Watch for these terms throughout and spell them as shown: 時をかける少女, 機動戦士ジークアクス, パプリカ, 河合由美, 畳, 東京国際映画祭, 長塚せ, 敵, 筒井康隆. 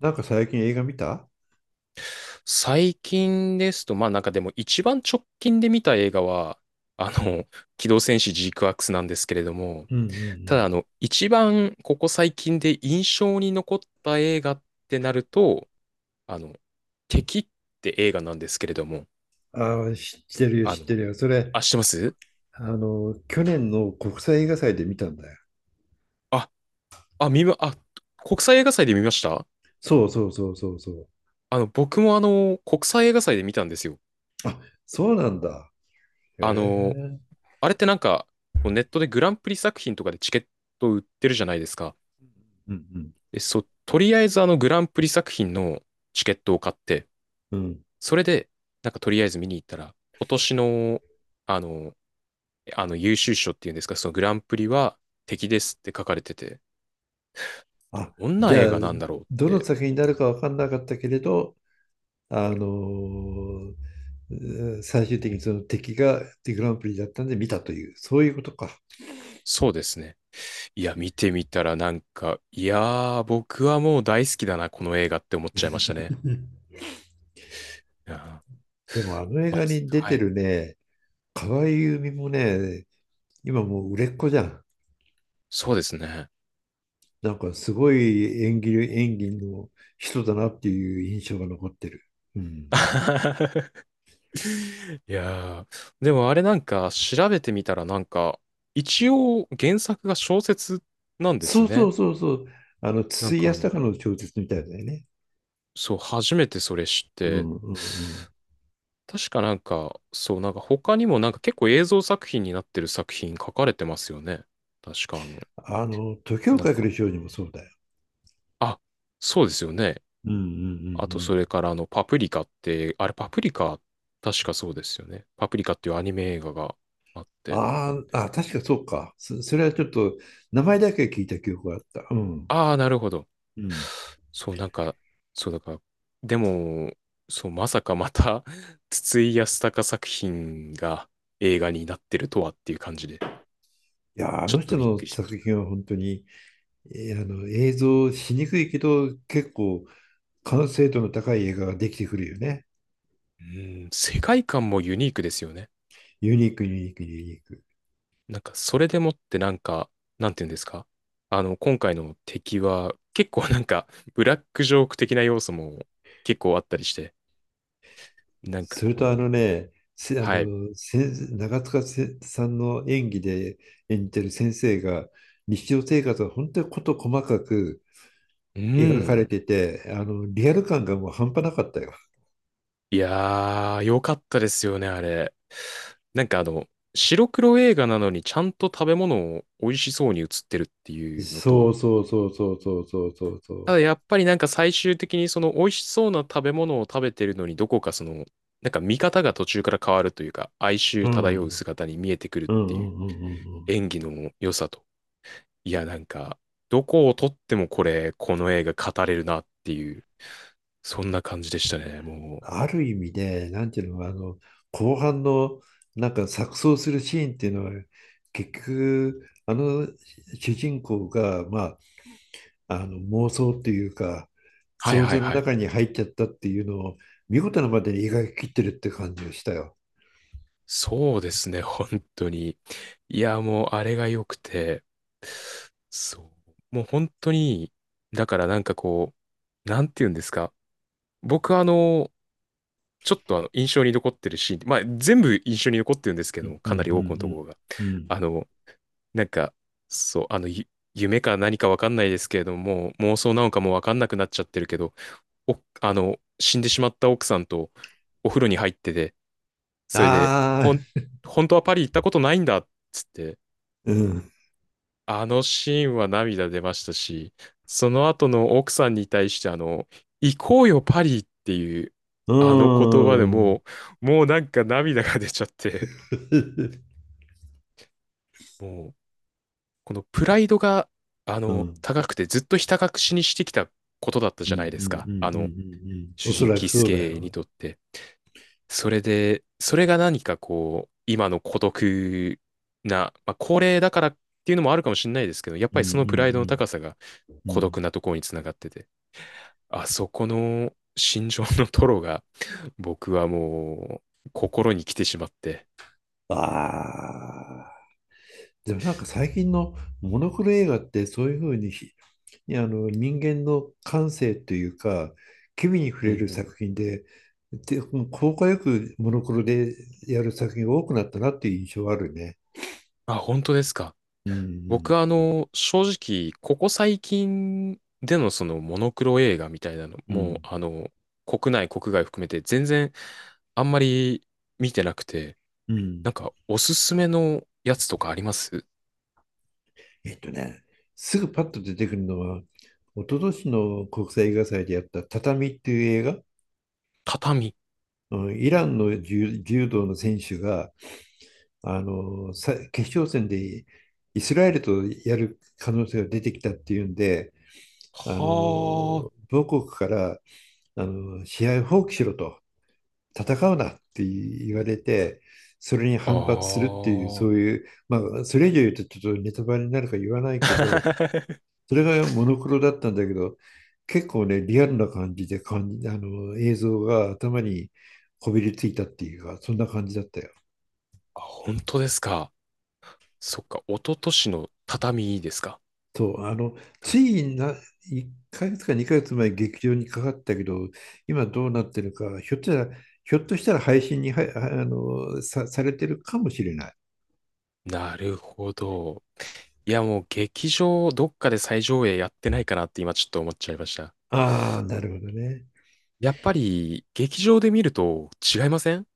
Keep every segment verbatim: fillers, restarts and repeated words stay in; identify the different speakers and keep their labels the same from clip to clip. Speaker 1: なんか最近映画見た？
Speaker 2: 最近ですと、まあなんかでも一番直近で見た映画は、あの、機動戦士ジークアクスなんですけれども、
Speaker 1: うんう
Speaker 2: ただ
Speaker 1: ん
Speaker 2: あの、一番ここ最近で印象に残った映画ってなると、あの、敵って映画なんですけれども、
Speaker 1: うん。ああ、知ってるよ、
Speaker 2: あ
Speaker 1: 知っ
Speaker 2: の、
Speaker 1: てるよ。それ、
Speaker 2: あ、知ってます。
Speaker 1: あの、去年の国際映画祭で見たんだよ。
Speaker 2: あ、あ、見ま、あ、国際映画祭で見ました。
Speaker 1: そうそうそうそうそう。
Speaker 2: あの、僕もあの、国際映画祭で見たんですよ。
Speaker 1: そうなんだ。へ
Speaker 2: あの、
Speaker 1: え。
Speaker 2: あれってなんか、こうネットでグランプリ作品とかでチケット売ってるじゃないですか。
Speaker 1: うん
Speaker 2: で、そう、とりあえずあのグランプリ作品のチケットを買って、
Speaker 1: うんうん。
Speaker 2: それで、なんかとりあえず見に行ったら、今年の、あの、あの優秀賞っていうんですか、そのグランプリは敵ですって書かれてて、
Speaker 1: あ、
Speaker 2: どん
Speaker 1: じ
Speaker 2: な映
Speaker 1: ゃあ、
Speaker 2: 画なんだろうっ
Speaker 1: どの
Speaker 2: て、
Speaker 1: 作品になるか分かんなかったけれど、あのーえー最終的にその敵がデグランプリだったんで見たという、そういうことか。
Speaker 2: そうですね。いや、見てみたらなんか、いやー、僕はもう大好きだな、この映画って思っちゃいましたね。いやー、
Speaker 1: でもあの映
Speaker 2: ま
Speaker 1: 画
Speaker 2: つ、
Speaker 1: に出
Speaker 2: は
Speaker 1: て
Speaker 2: い。
Speaker 1: るね、河合由美もね、今もう売れっ子じゃん。
Speaker 2: そうですね。
Speaker 1: なんかすごい演技、演技の人だなっていう印象が残ってる。うん。
Speaker 2: いやー、でもあれなんか調べてみたらなんか、一応原作が小説なんです
Speaker 1: そうそ
Speaker 2: ね。
Speaker 1: うそうそう。あの、
Speaker 2: なん
Speaker 1: 筒井
Speaker 2: かあ
Speaker 1: 康
Speaker 2: の、
Speaker 1: 隆の小説みたいだよね。
Speaker 2: そう、初めてそれ知っ
Speaker 1: う
Speaker 2: て、
Speaker 1: んうんうん。
Speaker 2: 確かなんか、そう、なんか他にもなんか結構映像作品になってる作品書かれてますよね。確かあの、
Speaker 1: あの、時を
Speaker 2: なん
Speaker 1: かけ
Speaker 2: か、
Speaker 1: る少女もそうだよ。
Speaker 2: あ、そうですよね。
Speaker 1: うんうんうんう
Speaker 2: あとそ
Speaker 1: ん。
Speaker 2: れからあの、パプリカって、あれパプリカ、確かそうですよね。パプリカっていうアニメ映画があって。
Speaker 1: あーあ、確かそうか。そ、それはちょっと名前だけ聞いた記憶があった。うん。
Speaker 2: ああ、なるほど。
Speaker 1: うん。
Speaker 2: そう、なんか、そうだから、でも、そう、まさかまた 筒井康隆作品が映画になってるとはっていう感じで、
Speaker 1: いやー、あ
Speaker 2: ちょ
Speaker 1: の
Speaker 2: っと
Speaker 1: 人
Speaker 2: びっく
Speaker 1: の
Speaker 2: りしま
Speaker 1: 作
Speaker 2: した。
Speaker 1: 品は本当に、えーあの映像しにくいけど、結構完成度の高い映画ができてくるよね。
Speaker 2: うん、世界観もユニークですよね。
Speaker 1: ユニーク、ユニーク、ユニーク。
Speaker 2: なんか、それでもってなんか、なんていうんですか、あの、今回の敵は、結構なんか、ブラックジョーク的な要素も結構あったりして、なんか
Speaker 1: それとあ
Speaker 2: こ
Speaker 1: の
Speaker 2: う、
Speaker 1: ね、せあ
Speaker 2: はい。
Speaker 1: の先長塚せさんの演技で演じてる先生が日常生活が本当に事細かく
Speaker 2: う
Speaker 1: 描かれ
Speaker 2: ん。
Speaker 1: てて、あのリアル感がもう半端なかったよ。
Speaker 2: いやー、良かったですよね、あれ。なんかあの、白黒映画なのにちゃんと食べ物を美味しそうに映ってるっていうの
Speaker 1: そう
Speaker 2: と、
Speaker 1: そうそうそうそうそうそうそ
Speaker 2: た
Speaker 1: う。
Speaker 2: だやっぱりなんか最終的にその美味しそうな食べ物を食べてるのにどこかその、なんか見方が途中から変わるというか、哀
Speaker 1: う
Speaker 2: 愁漂う
Speaker 1: ん。
Speaker 2: 姿に見えてくるっ
Speaker 1: うんう
Speaker 2: ていう
Speaker 1: んうんうんうん。
Speaker 2: 演技の良さと。いや、なんか、どこを撮ってもこれ、この映画語れるなっていう、そんな感じでしたね、もう。
Speaker 1: ある意味で、なんていうの、あの後半のなんか錯綜するシーンっていうのは結局あの主人公がまああの妄想っていうか
Speaker 2: はい
Speaker 1: 想
Speaker 2: はい
Speaker 1: 像の
Speaker 2: はい。
Speaker 1: 中に入っちゃったっていうのを見事なまでに描き切ってるって感じがしたよ。
Speaker 2: そうですね、本当に。いや、もうあれが良くて、そう。もう本当に、だからなんかこう、なんて言うんですか。僕あの、ちょっとあの印象に残ってるシーン、まあ全部印象に残ってるんですけ
Speaker 1: う
Speaker 2: ど
Speaker 1: ん
Speaker 2: も、
Speaker 1: う
Speaker 2: かなり多くのとこ
Speaker 1: ん
Speaker 2: ろが。
Speaker 1: うんうんうん。
Speaker 2: あの、なんか、そう、あの、ゆ夢か何かわかんないですけれども、妄想なのかもわかんなくなっちゃってるけど、お、あの、死んでしまった奥さんとお風呂に入ってて、それで、
Speaker 1: あ
Speaker 2: ほん、
Speaker 1: あ、
Speaker 2: 本当はパリ行ったことないんだっつって、
Speaker 1: うん、
Speaker 2: あのシーンは涙出ましたし、その後の奥さんに対して、あの、行こうよパリっていう、
Speaker 1: う
Speaker 2: あの言葉で
Speaker 1: ーん
Speaker 2: もう、もうなんか涙が出ちゃって、もう、このプライドが、あ
Speaker 1: うんう
Speaker 2: の、
Speaker 1: ん
Speaker 2: 高くてずっとひた隠しにしてきたことだった
Speaker 1: う
Speaker 2: じゃない
Speaker 1: ん
Speaker 2: で
Speaker 1: う
Speaker 2: す
Speaker 1: んう
Speaker 2: か。
Speaker 1: ん
Speaker 2: あ
Speaker 1: う
Speaker 2: の、
Speaker 1: んうん。お
Speaker 2: 主
Speaker 1: そ
Speaker 2: 人、
Speaker 1: らく
Speaker 2: キス
Speaker 1: そうだ
Speaker 2: ケに
Speaker 1: よ。
Speaker 2: とって。それで、それが何かこう、今の孤独な、まあ、高齢だからっていうのもあるかもしれないですけど、やっ
Speaker 1: うん
Speaker 2: ぱ
Speaker 1: う
Speaker 2: りそのプライドの
Speaker 1: ん
Speaker 2: 高さが
Speaker 1: うんう
Speaker 2: 孤
Speaker 1: ん。
Speaker 2: 独なところにつながってて、あそこの心情のトロが、僕はもう、心に来てしまって、
Speaker 1: ああ、でもなんか最近のモノクロ映画ってそういうふうにひあの人間の感性というか、機微に触
Speaker 2: うん
Speaker 1: れ
Speaker 2: う
Speaker 1: る
Speaker 2: ん。
Speaker 1: 作品で、で、効果よくモノクロでやる作品が多くなったなっていう印象はあるね。
Speaker 2: あ、本当ですか。
Speaker 1: う
Speaker 2: 僕
Speaker 1: ん
Speaker 2: はあの、正直、ここ最近でのそのモノクロ映画みたいなの
Speaker 1: うんう
Speaker 2: も、
Speaker 1: ん
Speaker 2: あの、国内、国外含めて全然あんまり見てなくて、
Speaker 1: う
Speaker 2: な
Speaker 1: ん。
Speaker 2: んか、おすすめのやつとかあります？
Speaker 1: えっとね、すぐパッと出てくるのは、一昨年の国際映画祭でやった「畳」っていう映画、
Speaker 2: 畳。
Speaker 1: うん、イランの柔、柔道の選手があのさ決勝戦でイスラエルとやる可能性が出てきたっていうんで、あ
Speaker 2: は
Speaker 1: の母国からあの試合を放棄しろと戦うなって言われてそれに反発する
Speaker 2: ああ
Speaker 1: っていう、
Speaker 2: ー
Speaker 1: そういう、まあそれ以上言うとちょっとネタバレになるから言わないけど、 それがモノクロだったんだけど、結構ねリアルな感じで感じあの映像が頭にこびりついたっていうか、そんな感じだったよ。
Speaker 2: あ、本当ですか。そっか、一昨年の畳ですか。
Speaker 1: そう、あの、つ
Speaker 2: な、
Speaker 1: いな、いっかげつかにかげつまえ劇場にかかったけど、今どうなってるか、ひょっとしたら、ひょっとしたら配信には、あの、さ、されてるかもしれない。
Speaker 2: なるほど。いや、もう劇場、どっかで再上映やってないかなって今ちょっと思っちゃいました。
Speaker 1: ああ、なるほどね。
Speaker 2: やっぱり、劇場で見ると違いません？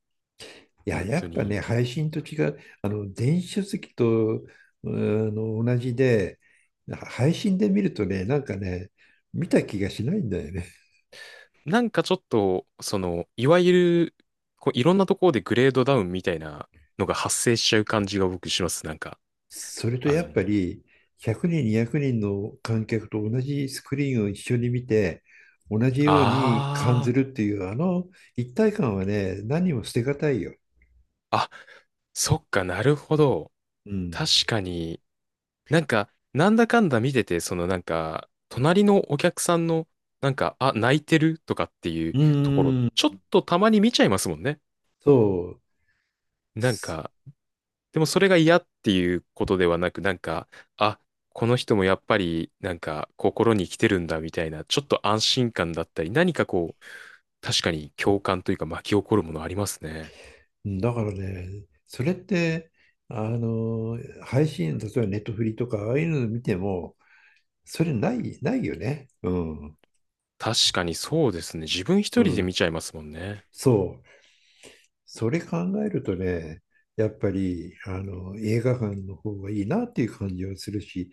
Speaker 1: いや、
Speaker 2: 本
Speaker 1: や
Speaker 2: 当
Speaker 1: っぱ
Speaker 2: に。
Speaker 1: ね、配信と違う、あの、電子書籍と、あの、同じで、配信で見るとね、なんかね、見た気がしないんだよね。
Speaker 2: なんかちょっと、その、いわゆる、こういろんなところでグレードダウンみたいなのが発生しちゃう感じが僕します。なんか。
Speaker 1: それと
Speaker 2: あ
Speaker 1: や
Speaker 2: の、
Speaker 1: っぱりひゃくにん、にひゃくにんの観客と同じスクリーンを一緒に見て、同じように感
Speaker 2: あ
Speaker 1: じるっていう、あの一体感はね、何も捨てがたいよ。
Speaker 2: あ、あ、そっか、なるほど。
Speaker 1: う
Speaker 2: 確
Speaker 1: ん。
Speaker 2: かに、なんか、なんだかんだ見てて、そのなんか、隣のお客さんの、なんか、あ、泣いてるとかっていう
Speaker 1: う
Speaker 2: ところ、
Speaker 1: ー
Speaker 2: ちょっ
Speaker 1: ん。
Speaker 2: とたまに見ちゃいますもんね。
Speaker 1: そう。
Speaker 2: なん
Speaker 1: す
Speaker 2: か、でもそれが嫌っていうことではなく、なんか、あ、この人もやっぱり、なんか、心に来てるんだみたいな、ちょっと安心感だったり、何かこう、確かに共感というか巻き起こるものありますね。
Speaker 1: だからね、それって、あの、配信、例えばネットフリとか、ああいうの見ても、それない、ないよね。うん。
Speaker 2: 確かにそうですね。自分
Speaker 1: う
Speaker 2: 一人で
Speaker 1: ん。
Speaker 2: 見ちゃいますもんね。
Speaker 1: そう。それ考えるとね、やっぱりあの映画館の方がいいなっていう感じはするし、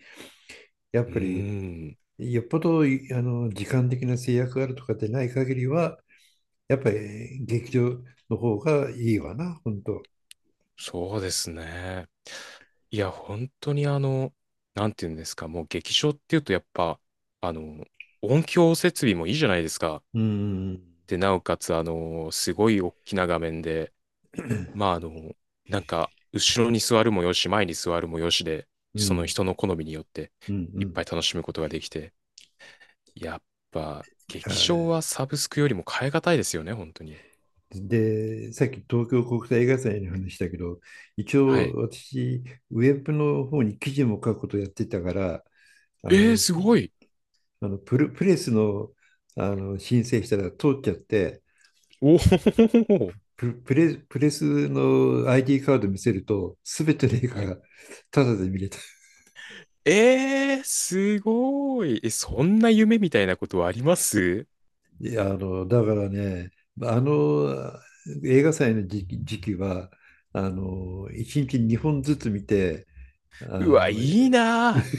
Speaker 1: やっ
Speaker 2: う
Speaker 1: ぱり
Speaker 2: ーん。
Speaker 1: よっぽどいあの時間的な制約があるとかでない限りは、やっぱり劇場の方がいいわな、本当。
Speaker 2: そうですね。いや、本当にあの、なんていうんですか、もう劇場っていうとやっぱ、あの、音響設備もいいじゃないですか。
Speaker 1: うん、
Speaker 2: で、なおかつ、あの、すごい大きな画面で、まあ、あの、なんか、後ろに座るもよし、前に座るもよしで、
Speaker 1: う
Speaker 2: その
Speaker 1: ん、
Speaker 2: 人の好みによって、
Speaker 1: うん、う
Speaker 2: いっ
Speaker 1: ん。
Speaker 2: ぱい楽しむことができて、やっぱ、
Speaker 1: あ
Speaker 2: 劇場
Speaker 1: ー
Speaker 2: はサブスクよりも変え難いですよね、本当に。
Speaker 1: で、さっき東京国際映画祭の話だけど、一
Speaker 2: は
Speaker 1: 応
Speaker 2: い。
Speaker 1: 私、ウェブの方に記事も書くことやってたから、あ
Speaker 2: えー、
Speaker 1: の
Speaker 2: すごい。
Speaker 1: あのプレ、プレスの、あの申請したら通っちゃって、
Speaker 2: おお、
Speaker 1: プ、プレ、プレスの アイディー カード見せると、すべての映
Speaker 2: は
Speaker 1: 画
Speaker 2: い。
Speaker 1: がタダで見れた。
Speaker 2: えー、すごい。え、そんな夢みたいなことあります？
Speaker 1: いや、あの、だからね、あの映画祭の時期、時期は、あの、いちにちにほんずつ見て、あ
Speaker 2: うわ、い
Speaker 1: の、
Speaker 2: いな。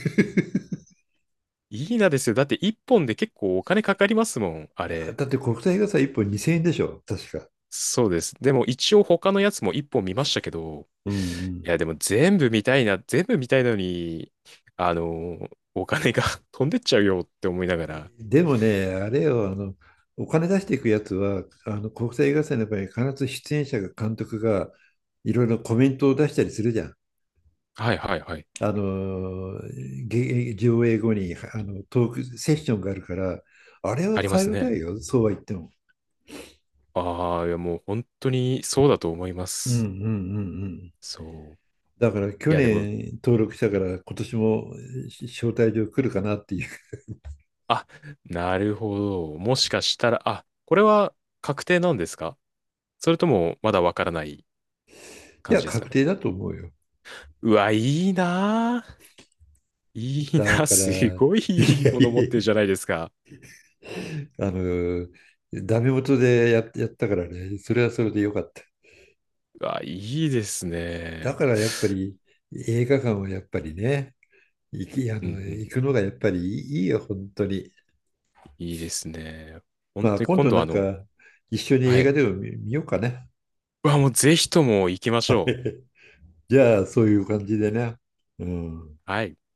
Speaker 2: いいなですよ。だって一本で結構お金かかりますもん、あれ。
Speaker 1: だって国際映画祭いっぽんにせんえんでしょ、確か。
Speaker 2: そうです。でも一応他のやつも一本見ましたけど、
Speaker 1: うんう
Speaker 2: い
Speaker 1: ん。
Speaker 2: や、でも全部見たいな、全部見たいのに、あの、お金が 飛んでっちゃうよって思いながら。
Speaker 1: でもね、あれよ、あの、お金出していくやつは、あの国際映画祭の場合、必ず出演者が監督がいろいろコメントを出したりするじゃん。
Speaker 2: はいはいはい。
Speaker 1: あの、げ上映後にあのトークセッションがあるから、あれは
Speaker 2: あります
Speaker 1: 変えた
Speaker 2: ね。
Speaker 1: いよ、そうは言っても。
Speaker 2: ああ、いやもう本当にそうだと思いま
Speaker 1: うんうん
Speaker 2: す。
Speaker 1: うんうん。
Speaker 2: そ
Speaker 1: だから
Speaker 2: う。
Speaker 1: 去
Speaker 2: いや、でも
Speaker 1: 年登録したから今年も招待状来るかなっていう。い
Speaker 2: あ、なるほど。もしかしたら、あ、これは確定なんですか？それともまだわからない感
Speaker 1: や、
Speaker 2: じですか
Speaker 1: 確
Speaker 2: ね？
Speaker 1: 定だと思うよ。
Speaker 2: うわ、いいなぁ。いい
Speaker 1: だ
Speaker 2: な、
Speaker 1: から、
Speaker 2: すごい
Speaker 1: い
Speaker 2: いい
Speaker 1: や
Speaker 2: もの
Speaker 1: い
Speaker 2: 持
Speaker 1: や
Speaker 2: っ
Speaker 1: い
Speaker 2: てる
Speaker 1: や、
Speaker 2: じゃないですか。
Speaker 1: あの、ダメ元でや、やったからね、それはそれでよかった。
Speaker 2: うわ、いいです
Speaker 1: だ
Speaker 2: ね。
Speaker 1: からやっぱり映画館はやっぱりね、行き、あ
Speaker 2: うんう
Speaker 1: の、
Speaker 2: ん、
Speaker 1: 行くのがやっぱりいいいよ、本当に。
Speaker 2: いいですね。本
Speaker 1: まあ
Speaker 2: 当に
Speaker 1: 今
Speaker 2: 今
Speaker 1: 度
Speaker 2: 度
Speaker 1: な
Speaker 2: あ
Speaker 1: ん
Speaker 2: の、
Speaker 1: か一緒に
Speaker 2: は
Speaker 1: 映
Speaker 2: い。
Speaker 1: 画でも見、見ようかね。
Speaker 2: うわ、もうぜひとも行きましょ
Speaker 1: じゃあそういう感じでね。うん。
Speaker 2: う。はい。